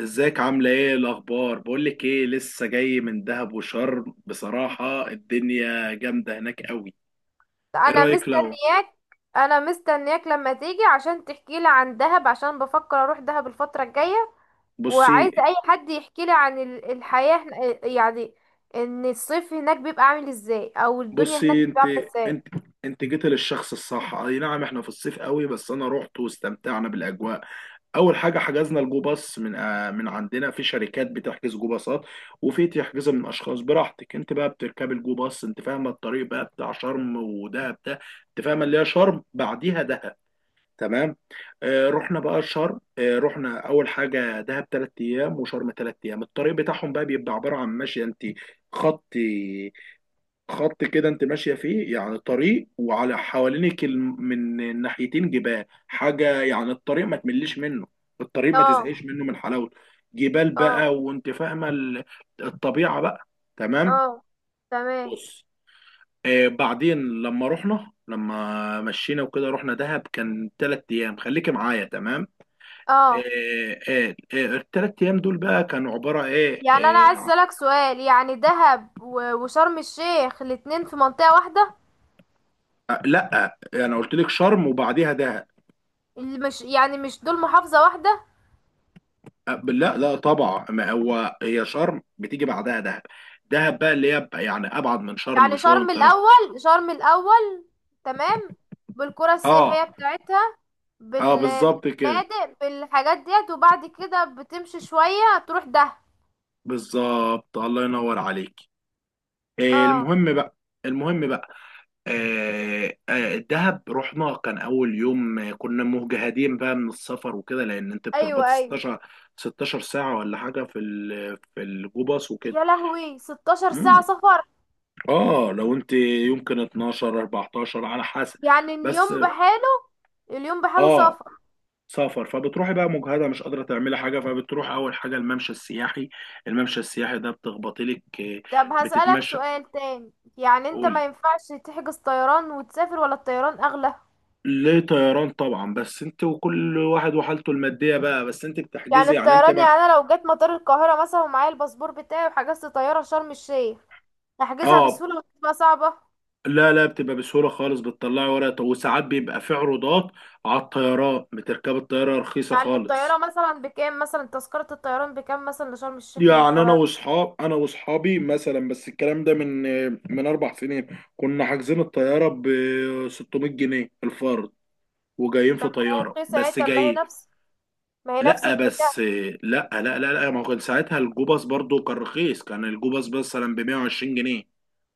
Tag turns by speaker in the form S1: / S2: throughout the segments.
S1: ازيك عاملة ايه الأخبار؟ بقولك ايه، لسه جاي من دهب وشرم. بصراحة الدنيا جامدة هناك قوي. ايه
S2: انا
S1: رأيك لو...
S2: مستنياك انا مستنياك لما تيجي عشان تحكي لي عن دهب، عشان بفكر اروح دهب الفترة الجاية.
S1: بصي
S2: وعايزة اي حد يحكي لي عن الحياة يعني ان الصيف هناك بيبقى عامل ازاي، او الدنيا هناك
S1: بصي
S2: بتبقى عاملة ازاي.
S1: انت انت جيت للشخص الصح. اي نعم، احنا في الصيف قوي، بس انا رحت واستمتعنا بالاجواء. اول حاجه حجزنا الجو باص من من عندنا، في شركات بتحجز جو باصات، وفي تحجزها من اشخاص براحتك. انت بقى بتركب الجو باص. انت فاهمه الطريق بقى بتاع شرم ودهب ده، انت فاهمه اللي هي شرم بعديها دهب. تمام. آه،
S2: مم.
S1: رحنا بقى شرم، آه، رحنا اول حاجه دهب ثلاث ايام وشرم ثلاث ايام. الطريق بتاعهم بقى بيبقى عباره عن ماشيه انت خط خط كده، انت ماشيه فيه، يعني طريق، وعلى حوالينك من الناحيتين جبال حاجه، يعني الطريق ما تمليش منه، الطريق ما
S2: اه،
S1: تزهقش منه من حلاوته. جبال بقى
S2: اه،
S1: وانت فاهمه الطبيعه بقى. تمام.
S2: اه. تمام.
S1: بص، آه، بعدين لما رحنا، لما مشينا وكده، رحنا دهب، كان ثلاث ايام، خليكي معايا. تمام.
S2: اه.
S1: الثلاث ايام دول بقى كانوا عباره ايه،
S2: يعني انا عايز اسألك سؤال، يعني دهب و- وشرم الشيخ الاتنين في منطقة واحدة؟
S1: لا، انا قلت لك شرم وبعديها دهب.
S2: اللي مش، يعني مش دول محافظة واحدة؟
S1: لا لا طبعا، ما هو هي شرم بتيجي بعدها دهب. دهب بقى اللي هي بقى يعني ابعد من شرم
S2: يعني
S1: بشويه
S2: شرم
S1: وانت رايح.
S2: الأول، شرم الأول. تمام. بالقرى السياحية
S1: اه.
S2: بتاعتها،
S1: اه بالظبط كده،
S2: بالفنادق، بالحاجات ديت، وبعد كده بتمشي شوية تروح ده.
S1: بالظبط، الله ينور عليك.
S2: اه.
S1: المهم بقى، المهم بقى، الدهب رحنا كان اول يوم. كنا مجهدين بقى من السفر وكده، لان انت
S2: ايوه،
S1: بتخبط
S2: ايوه.
S1: 16 16 ساعه ولا حاجه في في الجو باص وكده.
S2: يا لهوي، 16 ساعة
S1: مم.
S2: سفر؟
S1: اه، لو انت يمكن 12 14 على حسب.
S2: يعني
S1: بس،
S2: اليوم بحاله، اليوم بحاله
S1: اه،
S2: سفر.
S1: سفر. فبتروحي بقى مجهده، مش قادره تعملي حاجه، فبتروح اول حاجه الممشى السياحي. الممشى السياحي ده بتخبطي لك
S2: طب هسألك
S1: بتتمشى.
S2: سؤال تاني، يعني انت
S1: قولي.
S2: ما ينفعش تحجز طيران وتسافر؟ ولا الطيران أغلى؟
S1: ليه، طيران طبعا، بس انت وكل واحد وحالته الماديه بقى، بس انت
S2: يعني
S1: بتحجزي يعني، انت
S2: الطيران، يعني
S1: بقى.
S2: انا لو جت مطار القاهرة مثلا ومعايا الباسبور بتاعي، وحجزت طيارة شرم الشيخ، هحجزها
S1: اه،
S2: بسهولة ولا هتبقى صعبة؟
S1: لا لا بتبقى بسهوله خالص، بتطلعي ورقه، وساعات بيبقى في عروضات على الطيران، بتركب الطياره رخيصه
S2: يعني
S1: خالص.
S2: الطيارة مثلا بكام، مثلا تذكرة الطيران بكام مثلا لشرم الشيخ من
S1: يعني
S2: القاهرة؟
S1: انا واصحابي مثلا، بس الكلام ده من اربع سنين، كنا حاجزين الطياره ب 600 جنيه الفرد، وجايين
S2: طب ما
S1: في
S2: هي
S1: طياره،
S2: رخيصة اهي.
S1: بس
S2: طب ما هي
S1: جايين.
S2: نفس ما هي نفس
S1: لا
S2: البتاع.
S1: بس لا لا لا لا، ما كان ساعتها الجوباس برضو كان رخيص، كان الجوباس مثلا ب 120 جنيه.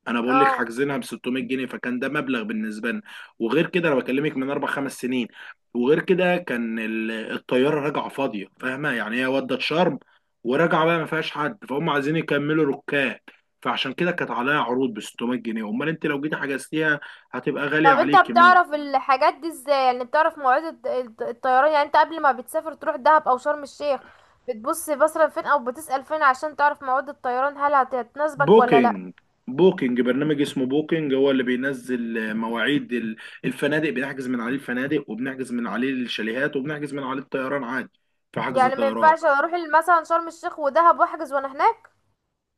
S1: انا بقول لك
S2: اه.
S1: حاجزينها ب 600 جنيه، فكان ده مبلغ بالنسبه لنا. وغير كده انا بكلمك من اربع خمس سنين. وغير كده كان الطياره راجعه فاضيه، فاهمه يعني، هي ودت شرم وراجعه بقى، ما فيهاش حد، فهم، عايزين يكملوا ركاب. فعشان كده كانت عليها عروض ب 600 جنيه. امال انت لو جيتي حجزتيها هتبقى غاليه
S2: طب انت
S1: عليك.
S2: بتعرف الحاجات دي ازاي؟ يعني بتعرف مواعيد الطيران، يعني انت قبل ما بتسافر تروح دهب او شرم الشيخ، بتبص مثلا فين او بتسأل فين عشان تعرف مواعيد الطيران، هل هتناسبك ولا لا؟
S1: بوكينج، بوكينج برنامج اسمه بوكينج، هو اللي بينزل مواعيد الفنادق. بنحجز من عليه الفنادق، وبنحجز من عليه الشاليهات، وبنحجز من عليه الطيران عادي، في حجز
S2: يعني ما
S1: طيران.
S2: ينفعش اروح مثلا شرم الشيخ ودهب واحجز وانا هناك؟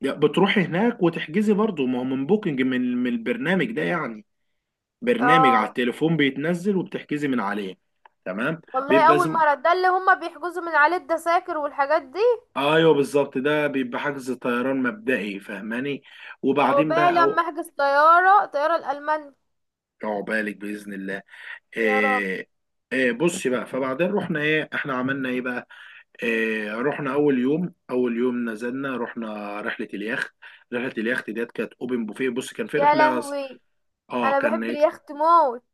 S1: يا بتروحي هناك وتحجزي برضه، ما هو من بوكينج، من البرنامج ده يعني، برنامج
S2: اه.
S1: على التليفون بيتنزل وبتحجزي من عليه. تمام.
S2: والله
S1: بيبقى
S2: اول
S1: زم...
S2: مره ده اللي هما بيحجزوا من عليه الدساكر والحاجات دي.
S1: ايوه بالظبط، ده بيبقى حجز طيران مبدئي، فاهماني؟
S2: او
S1: وبعدين
S2: بقى
S1: بقى
S2: لما
S1: أو...
S2: احجز طياره، طياره الالمان.
S1: عقبالك باذن الله.
S2: يا رب.
S1: آه، بصي بقى، فبعدين رحنا ايه، احنا عملنا ايه بقى.
S2: مم.
S1: رحنا اول يوم، اول يوم نزلنا رحنا رحله اليخت. رحله اليخت ديت كانت اوبن بوفيه. بص، كان في
S2: يا
S1: رحله،
S2: لهوي،
S1: اه
S2: انا بحب
S1: كان،
S2: اليخت موت.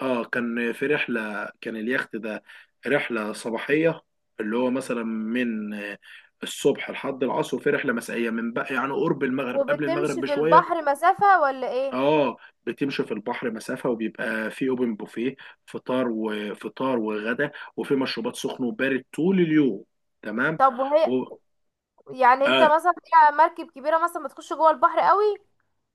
S1: اه كان في رحله، كان اليخت ده رحله صباحيه، اللي هو مثلا من الصبح لحد العصر، وفي رحله مسائيه من بقى يعني قرب المغرب، قبل المغرب
S2: وبتمشي في
S1: بشويه.
S2: البحر مسافه ولا ايه؟
S1: اه، بتمشي في البحر مسافة وبيبقى في اوبن بوفيه، فطار وفطار وغدا، وفي مشروبات سخن وبارد طول اليوم. تمام.
S2: طب
S1: و...
S2: وهي، يعني انت
S1: آه.
S2: مثلا، هي مركب كبيره مثلا بتخش جوه البحر قوي؟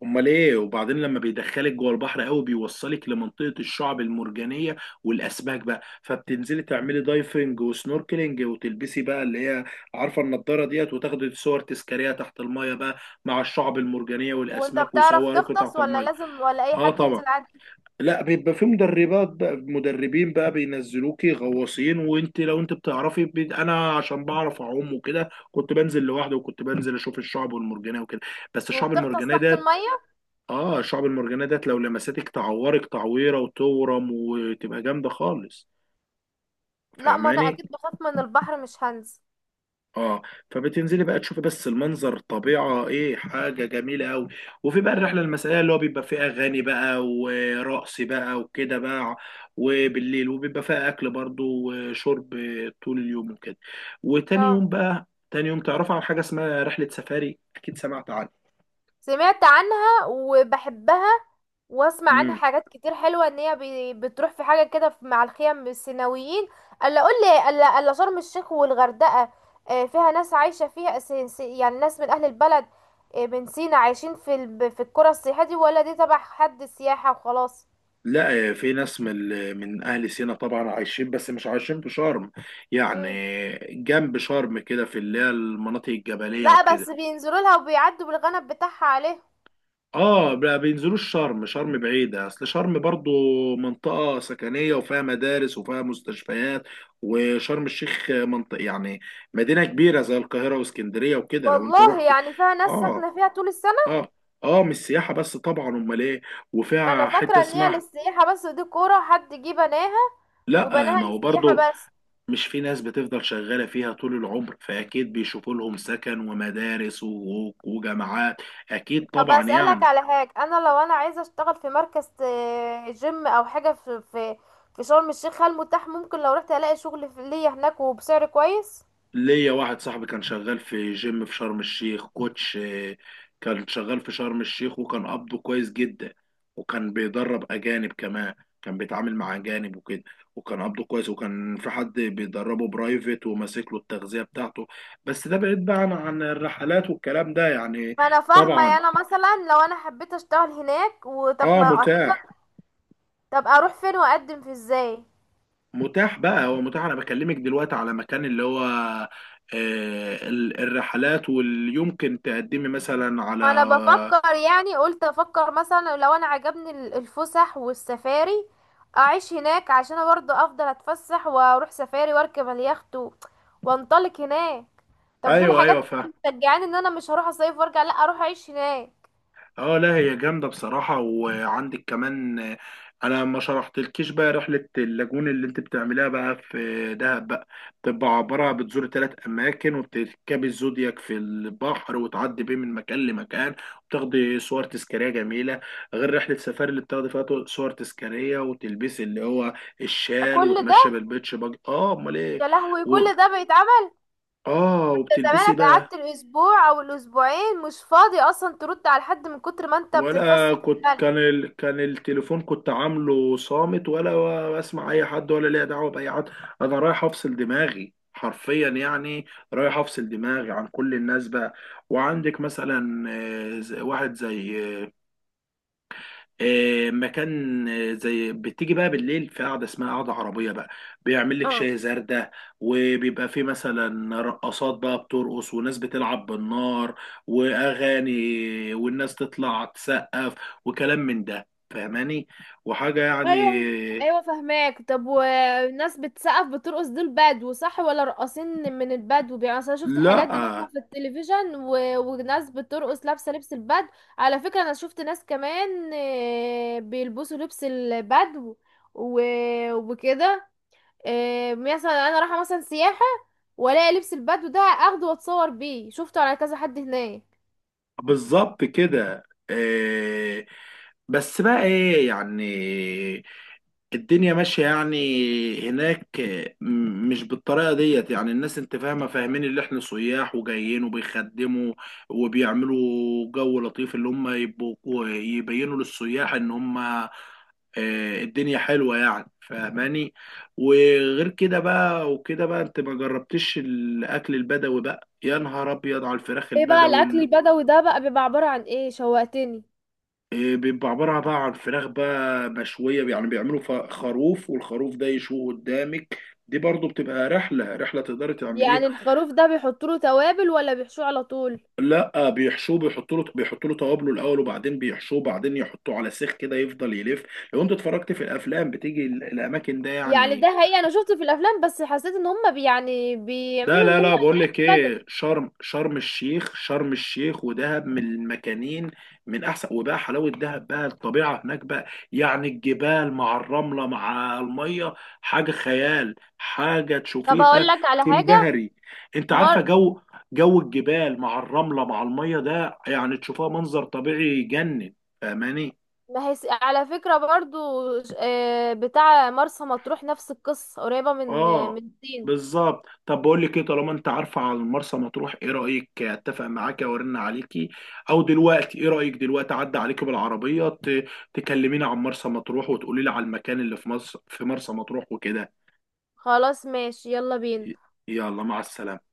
S1: امال ايه، وبعدين لما بيدخلك جوه البحر قوي بيوصلك لمنطقة الشعب المرجانية والاسماك بقى. فبتنزلي تعملي دايفنج وسنوركلينج، وتلبسي بقى اللي هي، عارفة النضارة ديت، وتاخدي صور تذكارية تحت المية بقى، مع الشعب المرجانية
S2: وانت
S1: والاسماك،
S2: بتعرف
S1: ويصوروكي
S2: تغطس
S1: تحت
S2: ولا
S1: المية.
S2: لازم، ولا اي
S1: اه
S2: حد
S1: طبعا.
S2: ينزل عادي؟
S1: لا، بيبقى في مدربات بقى، مدربين بقى بينزلوكي غواصين. وانت لو انت بتعرفي انا عشان بعرف اعوم وكده كنت بنزل لوحدي، وكنت بنزل اشوف الشعب المرجانيه وكده. بس الشعب
S2: وبتغطس
S1: المرجانيه
S2: تحت
S1: ديت،
S2: الميه؟
S1: اه الشعب المرجانيه ديت لو لمستك تعورك تعويره وتورم وتبقى جامده خالص،
S2: لا، ما انا
S1: فاهماني؟
S2: اكيد بخاف من البحر، مش هنزل.
S1: اه. فبتنزلي بقى تشوفي بس المنظر، طبيعة ايه حاجة جميلة قوي. وفي بقى الرحلة المسائية، اللي هو بيبقى فيه اغاني بقى ورقص بقى وكده بقى وبالليل، وبيبقى فيها اكل برضو وشرب طول اليوم وكده. وتاني
S2: اه.
S1: يوم بقى، تاني يوم، تعرفوا عن حاجة اسمها رحلة سفاري؟ اكيد سمعت عنها.
S2: سمعت عنها وبحبها، واسمع عنها
S1: امم.
S2: حاجات كتير حلوه، ان هي بتروح في حاجه كده، مع الخيم السيناويين. الا اقول لي، الا شرم الشيخ والغردقه، فيها ناس عايشه فيها، يعني ناس من اهل البلد، من سينا عايشين في في القرى السياحيه دي، ولا دي تبع حد السياحه وخلاص؟
S1: لا، في ناس من من اهل سينا طبعا عايشين، بس مش عايشين في شرم
S2: مم.
S1: يعني. جنب شرم كده، في اللي هي المناطق الجبلية
S2: لا،
S1: وكده.
S2: بس بينزلوا لها وبيعدوا بالغنم بتاعها عليه.
S1: اه ما بينزلوش شرم، شرم بعيدة، اصل شرم برضو منطقة سكنية، وفيها مدارس وفيها مستشفيات. وشرم الشيخ منطقة يعني مدينة كبيرة زي القاهرة واسكندرية وكده لو انت
S2: والله؟
S1: رحت.
S2: يعني فيها ناس
S1: اه.
S2: ساكنه فيها طول السنه؟
S1: اه. اه مش سياحة بس طبعا، امال ايه.
S2: انا
S1: وفيها حتة
S2: فاكره ان هي
S1: اسمها...
S2: للسياحه بس، ودي قرى حد جه بناها
S1: لا
S2: وبناها
S1: ما هو
S2: للسياحة
S1: برضه
S2: بس.
S1: مش في ناس بتفضل شغالة فيها طول العمر، فأكيد بيشوفوا لهم سكن ومدارس وجامعات. أكيد
S2: طب
S1: طبعا
S2: أسألك
S1: يعني.
S2: على حاجة، أنا لو أنا عايزة أشتغل في مركز جيم أو حاجة في في شرم الشيخ، هل متاح؟ ممكن لو رحت ألاقي شغل ليا هناك وبسعر كويس؟
S1: ليا واحد صاحبي كان شغال في جيم في شرم الشيخ كوتش. كان شغال في شرم الشيخ وكان قبضه كويس جدا، وكان بيدرب أجانب كمان، كان بيتعامل مع أجانب وكده، وكان قبضه كويس، وكان في حد بيدربه برايفت وماسك له التغذية بتاعته. بس ده بعيد بقى عن الرحلات والكلام ده يعني.
S2: ما أنا فاهمة، يعني
S1: طبعا.
S2: أنا مثلا لو أنا حبيت أشتغل هناك، وطب
S1: اه
S2: ما أكيد.
S1: متاح.
S2: طب أروح فين وأقدم في إزاي؟
S1: متاح بقى، هو متاح. انا بكلمك دلوقتي على مكان اللي هو، آه، الرحلات واللي يمكن تقدمي مثلا على.
S2: ما انا بفكر، يعني قلت افكر مثلا لو انا عجبني الفسح والسفاري، اعيش هناك، عشان انا برضه افضل اتفسح واروح سفاري واركب اليخت وانطلق هناك. طب دول
S1: ايوه
S2: حاجات
S1: ايوه فاهم.
S2: أصلاً مشجعاني ان انا مش هروح اصيف وارجع، لا اروح اعيش هناك.
S1: اه لا هي جامده بصراحه. وعندك كمان، انا ما شرحتلكيش بقى رحله اللاجون اللي انت بتعملها بقى في دهب بقى. بتبقى عباره بتزور ثلاث اماكن، وبتركبي الزودياك في البحر وتعدي بيه من مكان لمكان، وبتاخدي صور تذكاريه جميله. غير رحله سفاري اللي بتاخدي فيها صور تذكاريه، وتلبسي اللي هو الشال
S2: كل ده؟
S1: وتمشي بالبيتش باج. اه امال ايه.
S2: يا لهوي،
S1: و...
S2: كل ده بيتعمل؟
S1: اه
S2: يا
S1: وبتلبسي
S2: زمانك،
S1: بقى.
S2: قعدت الاسبوع او الاسبوعين مش فاضي اصلا ترد على حد من كتر ما انت
S1: ولا
S2: بتتفسح في
S1: كنت،
S2: البلد.
S1: كان التليفون كنت عامله صامت، ولا بسمع اي حد ولا ليا دعوه باي حد. انا رايح افصل دماغي حرفيا يعني، رايح افصل دماغي عن كل الناس بقى. وعندك مثلا، واحد زي، مكان، زي بتيجي بقى بالليل في قعده اسمها قعده عربيه بقى، بيعمل لك شاي زردة، وبيبقى في مثلا رقصات بقى، بترقص وناس بتلعب بالنار واغاني، والناس تطلع تسقف وكلام من ده، فاهماني؟ وحاجه يعني.
S2: ايوه، ايوه، فهماك. طب والناس بتسقف بترقص دول بدو صح، ولا راقصين من البدو؟ يعني أصل انا شفت
S1: لا
S2: الحاجات دي مثلا في التلفزيون وناس بترقص لابسه لبس البدو. على فكره، انا شفت ناس كمان، بيلبسوا لبس البدو و... وكده، مثلا انا رايحه مثلا سياحه، والاقي لبس البدو ده اخده واتصور بيه، شفته على كذا حد هناك.
S1: بالظبط كده. آه، بس بقى ايه يعني، الدنيا ماشية يعني هناك، مش بالطريقة ديت يعني. الناس انت فاهمة، فاهمين اللي احنا سياح وجايين، وبيخدموا وبيعملوا جو لطيف، اللي هم يبقوا يبينوا للسياح ان هم، الدنيا حلوة يعني، فاهماني؟ وغير كده بقى، وكده بقى، انت ما جربتش الاكل البدوي بقى؟ يا نهار ابيض على الفراخ
S2: ايه بقى
S1: البدوي!
S2: الاكل البدوي ده بقى، بيبقى عباره عن ايه؟ شوقتني.
S1: إيه، بيبقى عبارة بقى عن فراخ بقى مشوية يعني. بيعملوا خروف، والخروف ده يشوه قدامك. دي برضو بتبقى رحلة، رحلة تقدري تعمليها.
S2: يعني الخروف ده بيحطوا له توابل، ولا بيحشوه على طول؟
S1: لا بيحشوه، بيحطوا له توابله الأول، وبعدين بيحشوه، وبعدين يحطوه على سيخ كده يفضل يلف. لو انت اتفرجت في الأفلام بتيجي الأماكن ده
S2: يعني ده
S1: يعني.
S2: حقيقي، انا شفته في الافلام بس حسيت ان هم يعني
S1: لا
S2: بيعملوا ان
S1: لا
S2: هم
S1: لا بقول لك
S2: يتبدوا.
S1: ايه، شرم الشيخ ودهب من المكانين من احسن. وبقى حلاوه دهب بقى، الطبيعه هناك بقى يعني، الجبال مع الرمله مع الميه، حاجه خيال، حاجه
S2: طب هقول
S1: تشوفيها
S2: لك على حاجه.
S1: تنبهري. انت عارفه
S2: مر.
S1: جو، جو الجبال مع الرمله مع الميه ده يعني تشوفها منظر طبيعي يجنن، فاهماني؟
S2: ما هي... على فكره برضو، بتاع مرسى مطروح نفس القصه، قريبه من من
S1: اه
S2: الصين.
S1: بالظبط. طب بقول لك ايه، طالما انت عارفه على مرسى مطروح، ايه رايك اتفق معاكي وارن عليكي، او دلوقتي ايه رايك دلوقتي اعدي عليكي بالعربيه تكلميني عن مرسى مطروح، وتقولي لي على المكان اللي في مصر في مرسى مطروح وكده.
S2: خلاص ماشي، يلا بينا.
S1: ي- يلا مع السلامه.